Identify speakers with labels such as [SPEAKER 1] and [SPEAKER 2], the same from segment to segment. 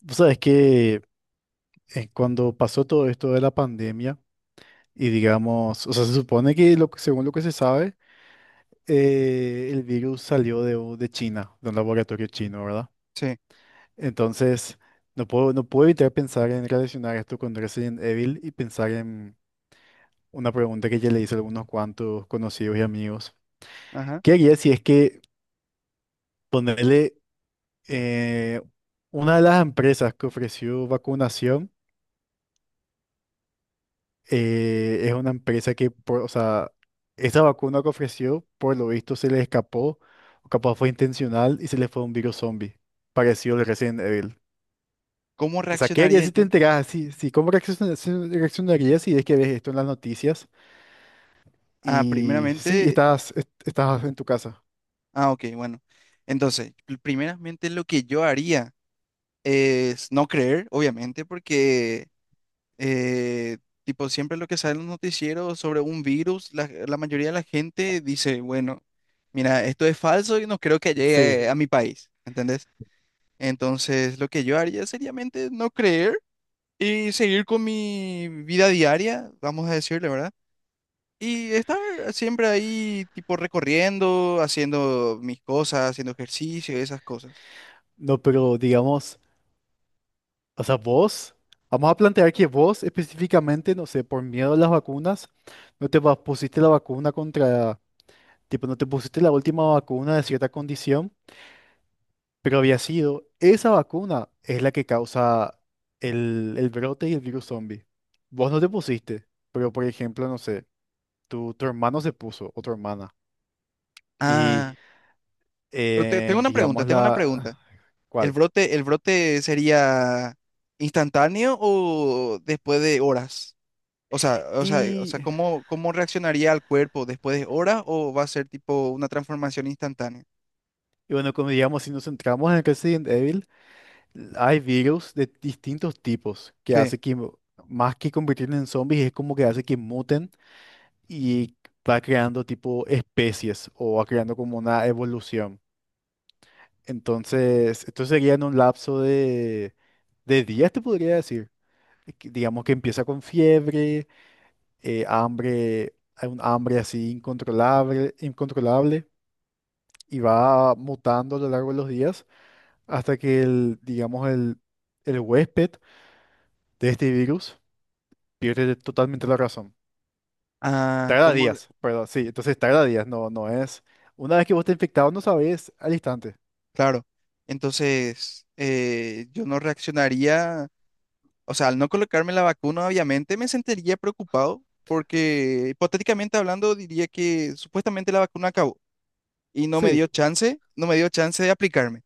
[SPEAKER 1] Vos sabés que cuando pasó todo esto de la pandemia, y digamos, o sea, se supone que según lo que se sabe, el virus salió de China, de un laboratorio chino, ¿verdad?
[SPEAKER 2] Sí,
[SPEAKER 1] Entonces, no puedo evitar pensar en relacionar esto con Resident Evil y pensar en una pregunta que ya le hice a algunos cuantos conocidos y amigos.
[SPEAKER 2] ajá.
[SPEAKER 1] ¿Qué haría si es que ponerle eh, una de las empresas que ofreció vacunación? Es una empresa o sea, esta vacuna que ofreció, por lo visto, se le escapó, o capaz fue intencional y se le fue un virus zombie, parecido al Resident Evil.
[SPEAKER 2] ¿Cómo
[SPEAKER 1] O sea, ¿qué
[SPEAKER 2] reaccionaría
[SPEAKER 1] harías si te
[SPEAKER 2] yo?
[SPEAKER 1] enteras así? Sí, ¿cómo reaccionarías si es que ves esto en las noticias?
[SPEAKER 2] Ah,
[SPEAKER 1] Y sí, y
[SPEAKER 2] primeramente,
[SPEAKER 1] estás en tu casa.
[SPEAKER 2] ah, ok, bueno. Entonces, primeramente lo que yo haría es no creer, obviamente, porque eh, tipo siempre lo que sale en los noticieros sobre un virus, la mayoría de la gente dice, bueno, mira, esto es falso y no creo que
[SPEAKER 1] Sí,
[SPEAKER 2] llegue a mi país, ¿entendés? Entonces, lo que yo haría seriamente no creer y seguir con mi vida diaria, vamos a decirle, ¿verdad? Y estar siempre ahí, tipo recorriendo, haciendo mis cosas, haciendo ejercicio, esas cosas.
[SPEAKER 1] no, pero digamos, o sea, vos, vamos a plantear que vos específicamente, no sé, por miedo a las vacunas, no te va- pusiste la vacuna contra. Tipo, no te pusiste la última vacuna de cierta condición, pero había sido. Esa vacuna es la que causa el brote y el virus zombie. Vos no te pusiste, pero por ejemplo, no sé, tu hermano se puso o tu hermana. Y
[SPEAKER 2] Ah, pero tengo una pregunta,
[SPEAKER 1] digamos
[SPEAKER 2] tengo una
[SPEAKER 1] la...
[SPEAKER 2] pregunta.
[SPEAKER 1] ¿Cuál?
[SPEAKER 2] El brote sería instantáneo o después de horas? O sea, o sea, o sea,
[SPEAKER 1] Y
[SPEAKER 2] ¿cómo, cómo reaccionaría el cuerpo después de horas o va a ser tipo una transformación instantánea?
[SPEAKER 1] y, bueno, como digamos, si nos centramos en Resident Evil, hay virus de distintos tipos que
[SPEAKER 2] Sí.
[SPEAKER 1] hace que, más que convertirse en zombies, es como que hace que muten y va creando tipo especies o va creando como una evolución. Entonces, esto sería en un lapso de días, te podría decir. Que digamos que empieza con fiebre, hambre, hay un hambre así incontrolable, incontrolable y va mutando a lo largo de los días hasta que el, el huésped de este virus pierde totalmente la razón.
[SPEAKER 2] Ah,
[SPEAKER 1] Tarda
[SPEAKER 2] ¿cómo?
[SPEAKER 1] días, perdón, sí, entonces tarda días, no, no es. Una vez que vos te infectado, no sabés al instante.
[SPEAKER 2] Claro. Entonces, yo no reaccionaría. O sea, al no colocarme la vacuna, obviamente me sentiría preocupado porque hipotéticamente hablando diría que supuestamente la vacuna acabó y no me
[SPEAKER 1] Sí,
[SPEAKER 2] dio chance, no me dio chance de aplicarme.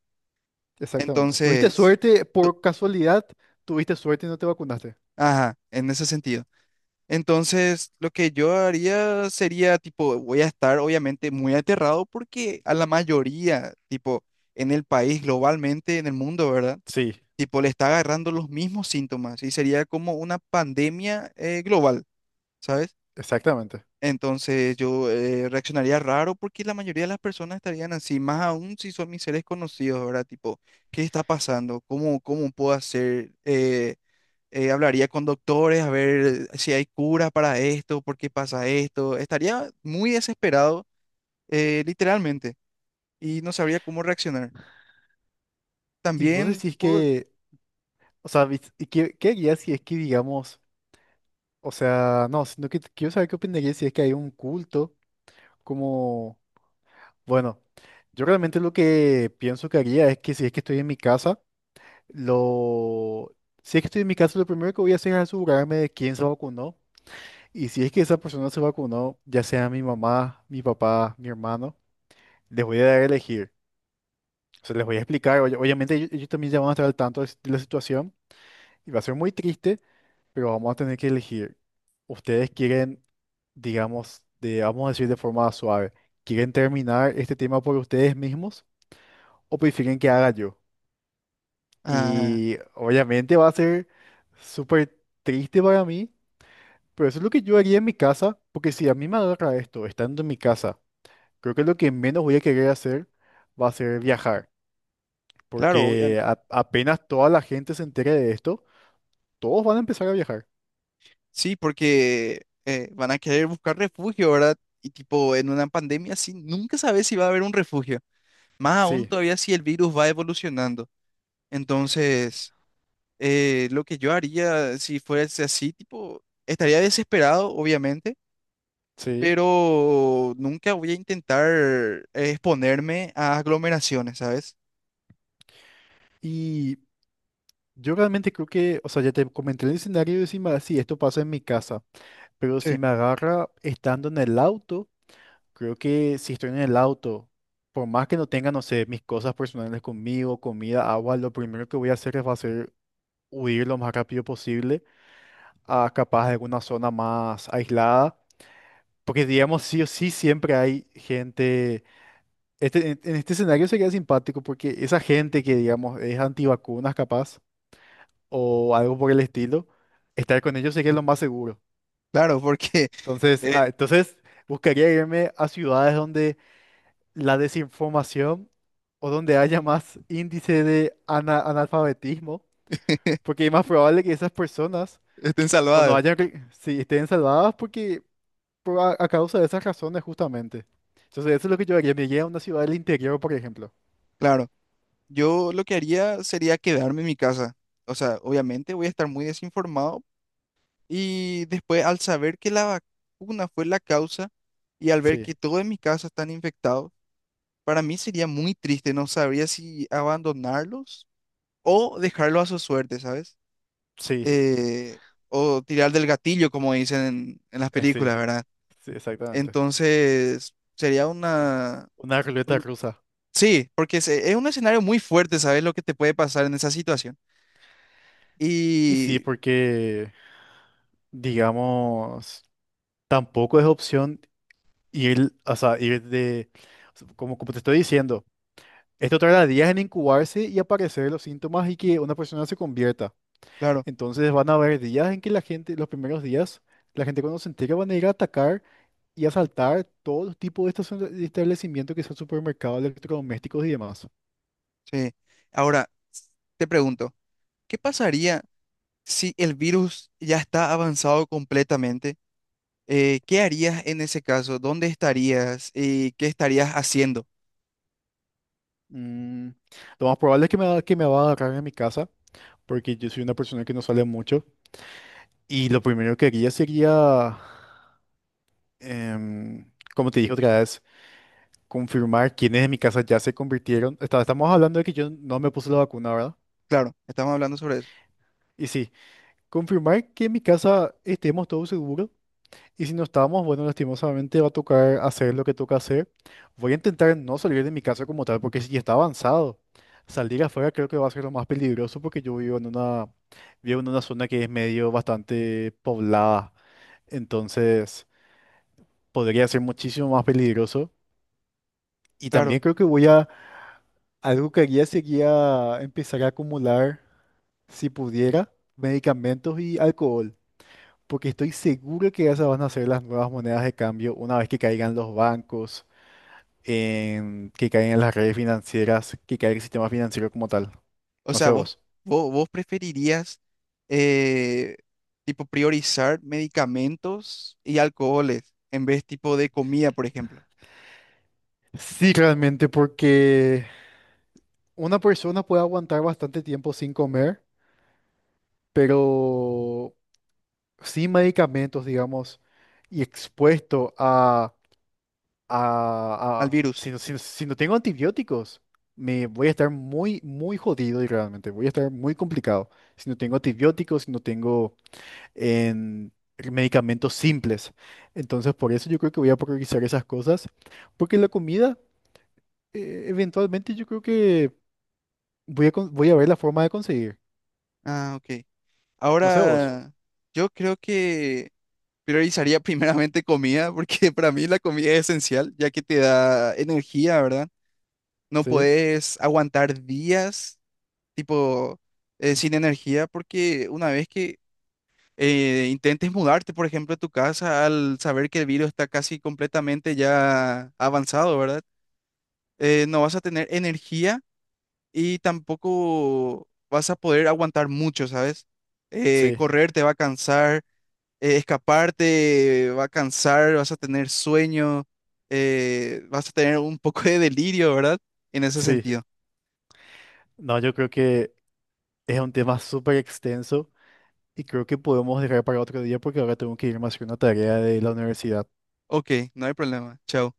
[SPEAKER 1] exactamente. ¿Tuviste
[SPEAKER 2] Entonces,
[SPEAKER 1] suerte
[SPEAKER 2] tú-
[SPEAKER 1] por casualidad? ¿Tuviste suerte y no te vacunaste?
[SPEAKER 2] ajá, en ese sentido. Entonces, lo que yo haría sería, tipo, voy a estar obviamente muy aterrado porque a la mayoría, tipo, en el país, globalmente, en el mundo, ¿verdad?
[SPEAKER 1] Sí,
[SPEAKER 2] Tipo, le está agarrando los mismos síntomas y sería como una pandemia global, ¿sabes?
[SPEAKER 1] exactamente.
[SPEAKER 2] Entonces yo reaccionaría raro porque la mayoría de las personas estarían así, más aún si son mis seres conocidos, ¿verdad? Tipo, ¿qué está pasando? ¿Cómo, cómo puedo hacer? Hablaría con doctores a ver si hay cura para esto, por qué pasa esto. Estaría muy desesperado, literalmente, y no sabría cómo reaccionar.
[SPEAKER 1] Y vos
[SPEAKER 2] También
[SPEAKER 1] decís
[SPEAKER 2] puedo...
[SPEAKER 1] que, o sea, vis- y ¿qué, qué harías si es que, digamos, o sea, no, sino que quiero saber qué opinarías si es que hay un culto como, bueno, yo realmente lo que pienso que haría es que si es que estoy en mi casa, lo... Si es que estoy en mi caso, lo primero que voy a hacer es asegurarme de quién se vacunó. Y si es que esa persona se vacunó, ya sea mi mamá, mi papá, mi hermano, les voy a dar a elegir. O sea, les voy a explicar. Oye, obviamente ellos también ya van a estar al tanto de de la situación y va a ser muy triste, pero vamos a tener que elegir. Ustedes quieren, digamos, de, vamos a decir de forma suave, ¿quieren terminar este tema por ustedes mismos o prefieren que haga yo?
[SPEAKER 2] Ah,
[SPEAKER 1] Y obviamente va a ser súper triste para mí, pero eso es lo que yo haría en mi casa, porque si a mí me agarra esto, estando en mi casa, creo que lo que menos voy a querer hacer va a ser viajar,
[SPEAKER 2] claro,
[SPEAKER 1] porque apenas toda la gente se entere de esto, todos van a empezar a viajar.
[SPEAKER 2] sí, porque van a querer buscar refugio, ¿verdad? Y tipo, en una pandemia así, nunca sabes si va a haber un refugio. Más aún
[SPEAKER 1] Sí,
[SPEAKER 2] todavía si el virus va evolucionando. Entonces, lo que yo haría si fuese así, tipo, estaría desesperado, obviamente,
[SPEAKER 1] sí.
[SPEAKER 2] pero nunca voy a intentar exponerme a aglomeraciones, ¿sabes?
[SPEAKER 1] Y yo realmente creo que, o sea, ya te comenté el escenario de si esto pasa en mi casa, pero
[SPEAKER 2] Sí.
[SPEAKER 1] si me agarra estando en el auto. Creo que si estoy en el auto, por más que no tenga, no sé, mis cosas personales conmigo, comida, agua, lo primero que voy a hacer es va a ser huir lo más rápido posible a capaz de alguna zona más aislada. Porque digamos, sí o sí siempre hay gente. Este, en este escenario sería simpático porque esa gente que, digamos, es antivacunas capaz o algo por el estilo, estar con ellos sería lo más seguro.
[SPEAKER 2] Claro, porque
[SPEAKER 1] Entonces,
[SPEAKER 2] eh,
[SPEAKER 1] ah, entonces buscaría irme a ciudades donde la desinformación o donde haya más índice de analfabetismo, porque es más probable que esas personas
[SPEAKER 2] estén
[SPEAKER 1] o no
[SPEAKER 2] salvadas.
[SPEAKER 1] hayan, re- sí, estén salvadas porque por a causa de esas razones justamente. Entonces eso es lo que yo haría, me iría a una ciudad del interior, por ejemplo.
[SPEAKER 2] Claro, yo lo que haría sería quedarme en mi casa. O sea, obviamente voy a estar muy desinformado y después al saber que la vacuna fue la causa y al ver
[SPEAKER 1] Sí,
[SPEAKER 2] que todos en mi casa están infectados, para mí sería muy triste, no sabría si abandonarlos o dejarlo a su suerte, ¿sabes?
[SPEAKER 1] sí,
[SPEAKER 2] Eh, o tirar del gatillo, como dicen en las
[SPEAKER 1] sí,
[SPEAKER 2] películas, ¿verdad?
[SPEAKER 1] sí, exactamente.
[SPEAKER 2] Entonces, sería
[SPEAKER 1] Ru-
[SPEAKER 2] una...
[SPEAKER 1] Una ruleta
[SPEAKER 2] un-
[SPEAKER 1] rusa.
[SPEAKER 2] Sí, porque es un escenario muy fuerte, ¿sabes? Lo que te puede pasar en esa situación.
[SPEAKER 1] Y sí,
[SPEAKER 2] Y,
[SPEAKER 1] porque, digamos, tampoco es opción ir, o sea, como, como te estoy diciendo. Esto tarda días en incubarse y aparecer los síntomas y que una persona se convierta.
[SPEAKER 2] claro,
[SPEAKER 1] Entonces van a haber días en que la gente, los primeros días, la gente cuando se entera van a ir a atacar y asaltar todos los tipos de de establecimientos que son supermercados, electrodomésticos y demás.
[SPEAKER 2] sí. Ahora, te pregunto, ¿qué pasaría si el virus ya está avanzado completamente? ¿Qué harías en ese caso? ¿Dónde estarías? ¿Y qué estarías haciendo?
[SPEAKER 1] Mm, lo más probable es que que me va a agarrar en mi casa, porque yo soy una persona que no sale mucho. Y lo primero que haría sería, como te dije otra vez, confirmar quiénes de mi casa ya se convirtieron. Estamos hablando de que yo no me puse la vacuna, ¿verdad?
[SPEAKER 2] Claro, estamos hablando sobre eso.
[SPEAKER 1] Y sí, confirmar que en mi casa estemos todos seguros. Y si no estamos, bueno, lastimosamente va a tocar hacer lo que toca hacer. Voy a intentar no salir de mi casa como tal, porque si ya está avanzado, salir afuera creo que va a ser lo más peligroso porque yo vivo en una zona que es medio bastante poblada. Entonces, podría ser muchísimo más peligroso. Y
[SPEAKER 2] Claro.
[SPEAKER 1] también creo que algo que haría sería empezar a acumular, si pudiera, medicamentos y alcohol. Porque estoy seguro que esas van a ser las nuevas monedas de cambio una vez que caigan los bancos, que caigan las redes financieras, que caiga el sistema financiero como tal.
[SPEAKER 2] O
[SPEAKER 1] No sé
[SPEAKER 2] sea,
[SPEAKER 1] vos.
[SPEAKER 2] vos preferirías eh, tipo priorizar medicamentos y alcoholes en vez tipo de comida, por ejemplo,
[SPEAKER 1] Sí, realmente, porque una persona puede aguantar bastante tiempo sin comer, pero sin medicamentos, digamos, y expuesto a a-
[SPEAKER 2] al
[SPEAKER 1] a- si,
[SPEAKER 2] virus.
[SPEAKER 1] si no tengo antibióticos, me voy a estar muy, muy jodido y realmente voy a estar muy complicado. Si no tengo antibióticos, si no tengo en, medicamentos simples. Entonces, por eso yo creo que voy a priorizar esas cosas, porque la comida, eventualmente yo creo que voy a ver la forma de conseguir.
[SPEAKER 2] Ah, ok.
[SPEAKER 1] No sé vos.
[SPEAKER 2] Ahora, yo creo que priorizaría primeramente comida, porque para mí la comida es esencial, ya que te da energía, ¿verdad? No
[SPEAKER 1] Sí,
[SPEAKER 2] puedes aguantar días tipo, sin energía, porque una vez que intentes mudarte, por ejemplo, a tu casa, al saber que el virus está casi completamente ya avanzado, ¿verdad? No vas a tener energía y tampoco vas a poder aguantar mucho, ¿sabes?
[SPEAKER 1] sí,
[SPEAKER 2] Correr te va a cansar, escaparte va a cansar, vas a tener sueño, vas a tener un poco de delirio, ¿verdad? En ese
[SPEAKER 1] sí.
[SPEAKER 2] sentido.
[SPEAKER 1] No, yo creo que es un tema súper extenso y creo que podemos dejar para otro día porque ahora tengo que irme a hacer una tarea de la universidad.
[SPEAKER 2] Ok, no hay problema. Chao.